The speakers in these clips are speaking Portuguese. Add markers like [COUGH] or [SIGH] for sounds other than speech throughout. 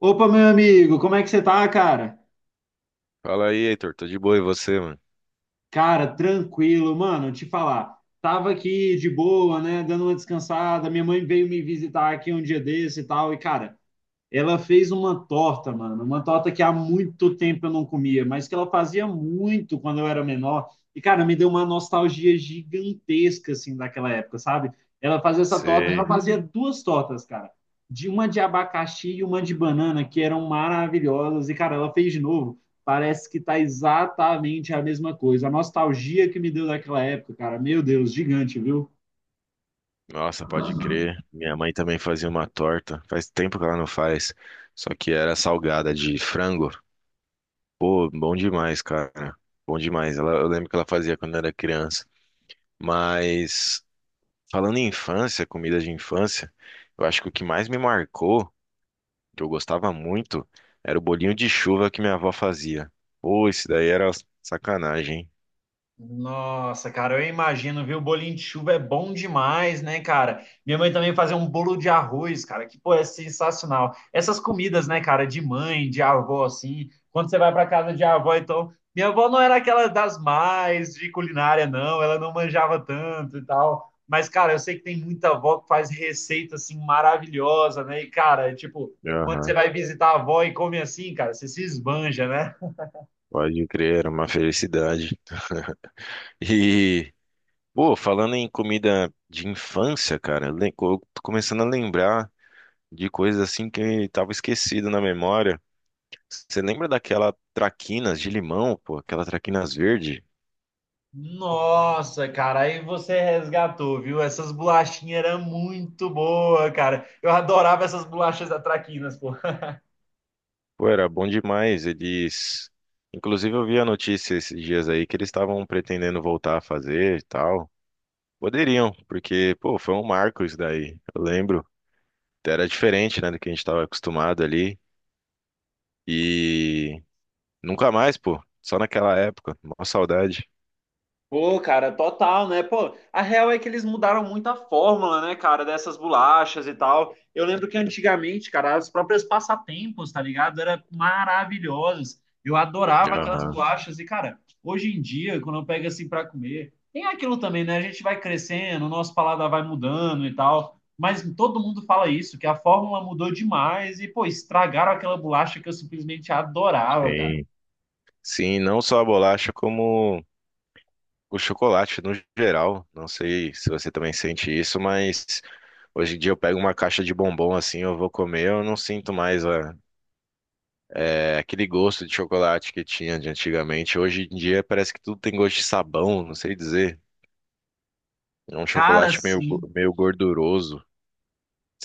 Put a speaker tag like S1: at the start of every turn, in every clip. S1: Opa, meu amigo, como é que você tá, cara?
S2: Fala aí, Heitor. Tô de boa, e você, mano?
S1: Cara, tranquilo, mano, te falar. Tava aqui de boa, né, dando uma descansada. Minha mãe veio me visitar aqui um dia desse e tal. E, cara, ela fez uma torta, mano, uma torta que há muito tempo eu não comia, mas que ela fazia muito quando eu era menor. E, cara, me deu uma nostalgia gigantesca, assim, daquela época, sabe? Ela fazia essa torta, ela
S2: Sei.
S1: fazia duas tortas, cara. De uma de abacaxi e uma de banana, que eram maravilhosas. E, cara, ela fez de novo. Parece que tá exatamente a mesma coisa. A nostalgia que me deu daquela época, cara, meu Deus, gigante, viu?
S2: Nossa, pode crer. Minha mãe também fazia uma torta. Faz tempo que ela não faz. Só que era salgada de frango. Pô, bom demais, cara. Bom demais. Ela, eu lembro que ela fazia quando era criança. Mas, falando em infância, comida de infância, eu acho que o que mais me marcou, que eu gostava muito, era o bolinho de chuva que minha avó fazia. Pô, isso daí era sacanagem, hein?
S1: Nossa, cara, eu imagino, viu? Bolinho de chuva é bom demais, né, cara? Minha mãe também fazia um bolo de arroz, cara, que, pô, é sensacional. Essas comidas, né, cara, de mãe, de avó, assim, quando você vai pra casa de avó, então. Minha avó não era aquela das mais de culinária, não, ela não manjava tanto e tal. Mas, cara, eu sei que tem muita avó que faz receita, assim, maravilhosa, né? E, cara, é tipo, quando
S2: Aham,
S1: você vai visitar a avó e come assim, cara, você se esbanja, né?
S2: pode crer, era uma felicidade. [LAUGHS] E, pô, falando em comida de infância, cara, eu tô começando a lembrar de coisas assim que tava esquecido na memória. Você lembra daquela traquinas de limão, pô, aquela traquinas verde?
S1: Nossa, cara, aí você resgatou, viu? Essas bolachinhas eram muito boas, cara. Eu adorava essas bolachas da Traquinas, pô.
S2: Pô, era bom demais. Eles, inclusive, eu vi a notícia esses dias aí que eles estavam pretendendo voltar a fazer e tal. Poderiam, porque, pô, foi um marco isso daí. Eu lembro. Era diferente, né, do que a gente tava acostumado ali. E nunca mais, pô. Só naquela época. Mó saudade.
S1: Pô, cara, total, né? Pô, a real é que eles mudaram muito a fórmula, né, cara, dessas bolachas e tal. Eu lembro que antigamente, cara, as próprias passatempos, tá ligado? Eram maravilhosas. Eu adorava aquelas
S2: Aham,
S1: bolachas. E, cara, hoje em dia, quando eu pego assim pra comer, tem aquilo também, né? A gente vai crescendo, o nosso paladar vai mudando e tal. Mas todo mundo fala isso, que a fórmula mudou demais e, pô, estragaram aquela bolacha que eu simplesmente adorava, cara.
S2: sim. Sim, não só a bolacha, como o chocolate no geral. Não sei se você também sente isso, mas hoje em dia eu pego uma caixa de bombom assim, eu vou comer, eu não sinto mais é, aquele gosto de chocolate que tinha de antigamente. Hoje em dia parece que tudo tem gosto de sabão, não sei dizer. É um
S1: Cara,
S2: chocolate meio,
S1: sim.
S2: meio gorduroso,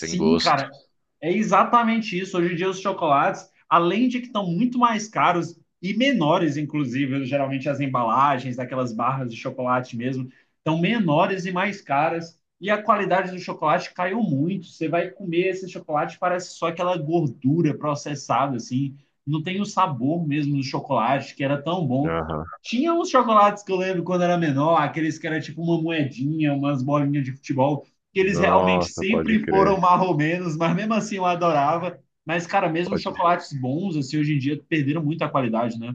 S2: sem
S1: cara.
S2: gosto.
S1: É exatamente isso. Hoje em dia, os chocolates, além de que estão muito mais caros e menores, inclusive, geralmente as embalagens daquelas barras de chocolate mesmo, estão menores e mais caras. E a qualidade do chocolate caiu muito. Você vai comer esse chocolate, parece só aquela gordura processada, assim. Não tem o sabor mesmo do chocolate, que era tão bom.
S2: Aham.
S1: Tinha uns chocolates que eu lembro quando era menor, aqueles que era tipo uma moedinha, umas bolinhas de futebol que eles realmente
S2: Nossa, pode
S1: sempre foram
S2: crer.
S1: marromenos, mas mesmo assim eu adorava. Mas, cara, mesmo os
S2: Pode
S1: chocolates bons, assim, hoje em dia perderam muito a qualidade, né?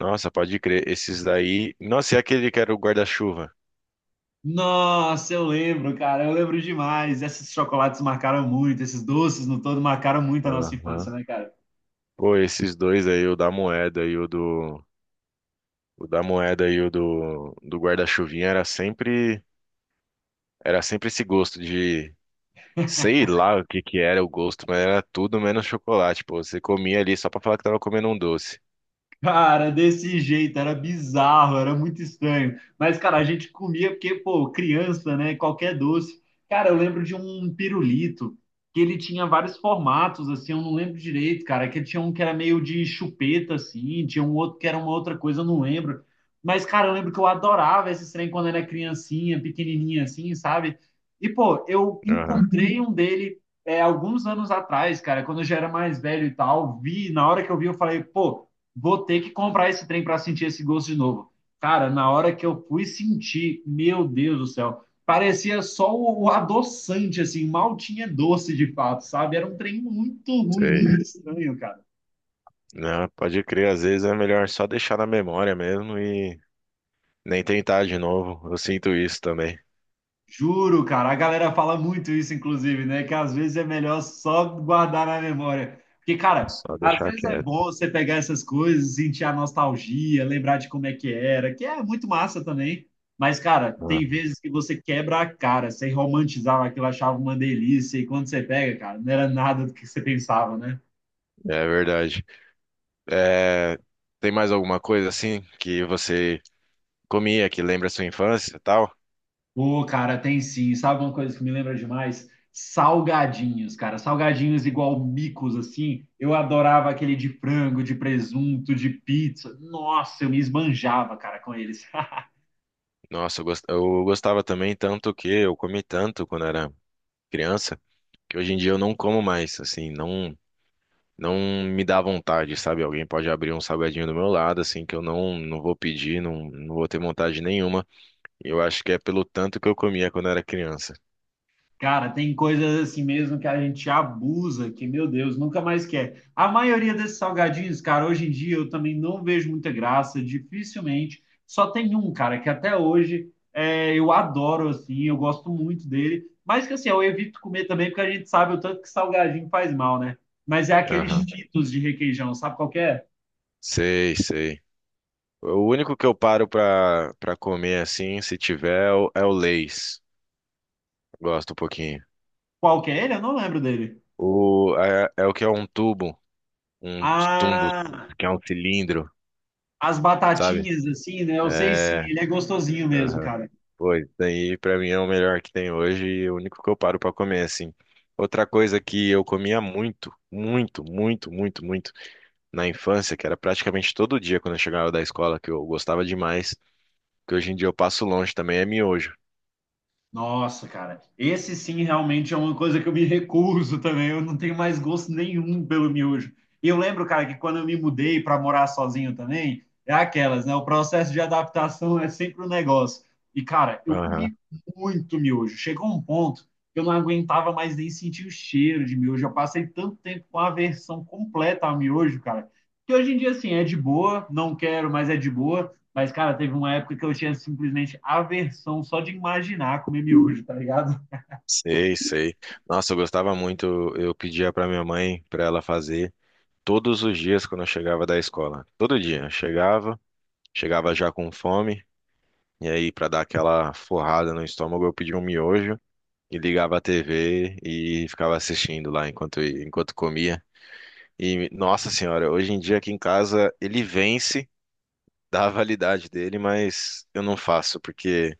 S2: Nossa, pode crer. Esses daí. Nossa, e aquele que era o guarda-chuva?
S1: Nossa, eu lembro, cara, eu lembro demais. Esses chocolates marcaram muito, esses doces no todo marcaram muito a nossa
S2: Aham.
S1: infância, né, cara?
S2: Pô, esses dois aí, o da moeda e o do. O da moeda e o do, do guarda-chuvinha era sempre. Era sempre esse gosto de. Sei lá o que que era o gosto, mas era tudo menos chocolate, pô. Você comia ali só pra falar que tava comendo um doce.
S1: Cara, desse jeito, era bizarro, era muito estranho. Mas, cara, a gente comia porque, pô, criança, né? Qualquer doce. Cara, eu lembro de um pirulito que ele tinha vários formatos, assim, eu não lembro direito, cara. Que tinha um que era meio de chupeta, assim, tinha um outro que era uma outra coisa, eu não lembro. Mas, cara, eu lembro que eu adorava esse trem quando era criancinha, pequenininha, assim, sabe? E, pô, eu
S2: Aham,
S1: encontrei um dele alguns anos atrás, cara, quando eu já era mais velho e tal, vi, na hora que eu vi, eu falei, pô vou ter que comprar esse trem para sentir esse gosto de novo. Cara, na hora que eu fui sentir, meu Deus do céu, parecia só o adoçante, assim, mal tinha doce de fato, sabe? Era um trem muito ruim,
S2: sei.
S1: muito estranho, cara.
S2: Não, pode crer, às vezes é melhor só deixar na memória mesmo e nem tentar de novo. Eu sinto isso também.
S1: Juro, cara, a galera fala muito isso, inclusive, né? Que às vezes é melhor só guardar na memória. Porque, cara,
S2: Só
S1: às
S2: deixar
S1: vezes é
S2: quieto.
S1: bom você pegar essas coisas, sentir a nostalgia, lembrar de como é que era, que é muito massa também. Mas, cara,
S2: Ah,
S1: tem vezes que você quebra a cara, você romantizava aquilo, achava uma delícia, e quando você pega, cara, não era nada do que você pensava, né?
S2: é verdade. É, tem mais alguma coisa assim que você comia que lembra a sua infância e tal?
S1: Ô, cara, tem sim. Sabe uma coisa que me lembra demais? Salgadinhos, cara. Salgadinhos igual micos, assim. Eu adorava aquele de frango, de presunto, de pizza. Nossa, eu me esbanjava, cara, com eles. [LAUGHS]
S2: Nossa, eu gostava também tanto que eu comi tanto quando era criança, que hoje em dia eu não como mais, assim, não me dá vontade, sabe? Alguém pode abrir um salgadinho do meu lado, assim, que eu não vou pedir, não, não vou ter vontade nenhuma. Eu acho que é pelo tanto que eu comia quando era criança.
S1: Cara, tem coisas assim mesmo que a gente abusa, que, meu Deus, nunca mais quer. A maioria desses salgadinhos, cara, hoje em dia eu também não vejo muita graça, dificilmente. Só tem um, cara, que até hoje é, eu adoro, assim, eu gosto muito dele. Mas que, assim, eu evito comer também, porque a gente sabe o tanto que salgadinho faz mal, né? Mas é aqueles
S2: Aham.
S1: Cheetos de requeijão, sabe qual que é?
S2: Sei, sei. O único que eu paro pra comer assim, se tiver, é o é o Lay's. Gosto um pouquinho.
S1: Qual que é ele? Eu não lembro dele.
S2: É o que é um tubo, um tumbo
S1: Ah,
S2: que é um cilindro,
S1: as
S2: sabe?
S1: batatinhas, assim, né? Eu sei sim,
S2: É,
S1: ele é gostosinho mesmo, cara.
S2: pô, isso daí pra mim é o melhor que tem hoje e o único que eu paro pra comer, assim. Outra coisa que eu comia muito na infância, que era praticamente todo dia quando eu chegava da escola, que eu gostava demais, que hoje em dia eu passo longe também, é miojo.
S1: Nossa, cara, esse sim realmente é uma coisa que eu me recuso também. Eu não tenho mais gosto nenhum pelo miojo. E eu lembro, cara, que quando eu me mudei para morar sozinho também, é aquelas, né? O processo de adaptação é sempre um negócio. E, cara, eu
S2: Aham,
S1: comi muito miojo. Chegou um ponto que eu não aguentava mais nem sentir o cheiro de miojo. Eu passei tanto tempo com a aversão completa ao miojo, cara, que hoje em dia, assim, é de boa, não quero, mas é de boa. Mas, cara, teve uma época que eu tinha simplesmente aversão só de imaginar comer miojo, tá ligado?
S2: sei, sei. Nossa, eu gostava muito, eu pedia pra minha mãe, pra ela fazer todos os dias quando eu chegava da escola. Todo dia. Chegava já com fome, e aí, pra dar aquela forrada no estômago, eu pedia um miojo e ligava a TV e ficava assistindo lá enquanto comia. E, nossa senhora, hoje em dia aqui em casa ele vence da validade dele, mas eu não faço, porque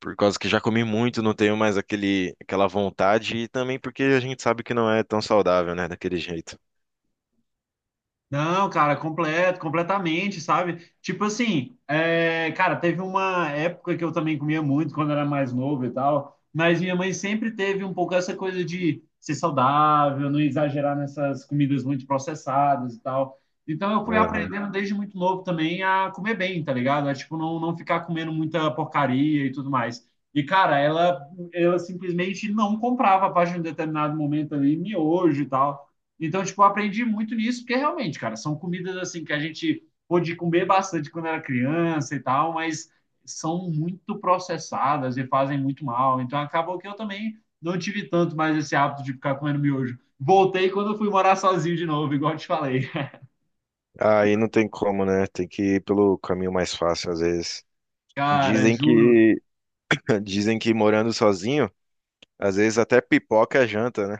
S2: por causa que já comi muito, não tenho mais aquela vontade, e também porque a gente sabe que não é tão saudável, né, daquele jeito.
S1: Não, cara, completo, completamente, sabe? Tipo assim, é, cara, teve uma época que eu também comia muito quando era mais novo e tal, mas minha mãe sempre teve um pouco essa coisa de ser saudável, não exagerar nessas comidas muito processadas e tal. Então eu fui
S2: Aham.
S1: aprendendo desde muito novo também a comer bem, tá ligado? A, tipo, não, não ficar comendo muita porcaria e tudo mais. E, cara, ela simplesmente não comprava a partir de um determinado momento ali, miojo e tal. Então, tipo, eu aprendi muito nisso, porque realmente, cara, são comidas assim que a gente pôde comer bastante quando era criança e tal, mas são muito processadas e fazem muito mal. Então, acabou que eu também não tive tanto mais esse hábito de ficar comendo miojo. Voltei quando eu fui morar sozinho de novo, igual eu te falei.
S2: Aí não tem como, né? Tem que ir pelo caminho mais fácil, às vezes.
S1: [LAUGHS] Cara,
S2: Dizem
S1: juro.
S2: que Dizem que morando sozinho, às vezes até pipoca é janta, né?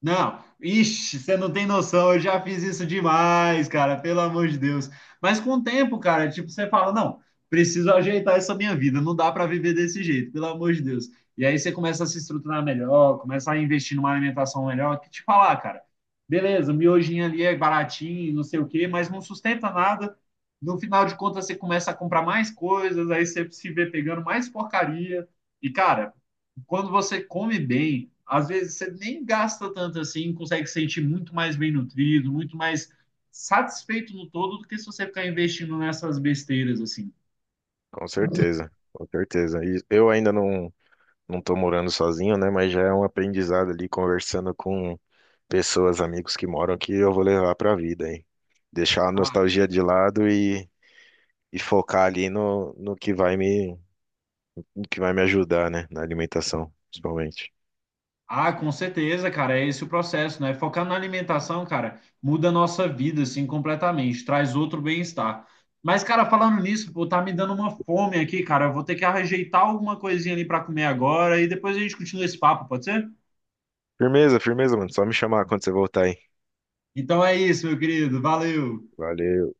S1: Não, ixi, você não tem noção, eu já fiz isso demais, cara, pelo amor de Deus. Mas com o tempo, cara, tipo, você fala, não, preciso ajeitar essa minha vida, não dá para viver desse jeito, pelo amor de Deus. E aí você começa a se estruturar melhor, começa a investir numa alimentação melhor, que te falar, cara, beleza, miojinho ali é baratinho, não sei o quê, mas não sustenta nada. No final de contas, você começa a comprar mais coisas, aí você se vê pegando mais porcaria. E, cara, quando você come bem, às vezes você nem gasta tanto assim, consegue se sentir muito mais bem nutrido, muito mais satisfeito no todo do que se você ficar investindo nessas besteiras assim.
S2: Com certeza, com certeza. E eu ainda não, não tô morando sozinho, né? Mas já é um aprendizado ali conversando com pessoas, amigos que moram aqui, eu vou levar pra vida, hein? Deixar a
S1: Ah,
S2: nostalgia de lado e focar ali no que no que vai me ajudar, né? Na alimentação, principalmente.
S1: ah, com certeza, cara, é esse o processo, né? Focar na alimentação, cara, muda a nossa vida assim completamente, traz outro bem-estar. Mas, cara, falando nisso, pô, tá me dando uma fome aqui, cara. Eu vou ter que ajeitar alguma coisinha ali pra comer agora e depois a gente continua esse papo, pode ser?
S2: Firmeza, firmeza, mano. Só me chamar quando você voltar, hein?
S1: Então é isso, meu querido. Valeu.
S2: Valeu.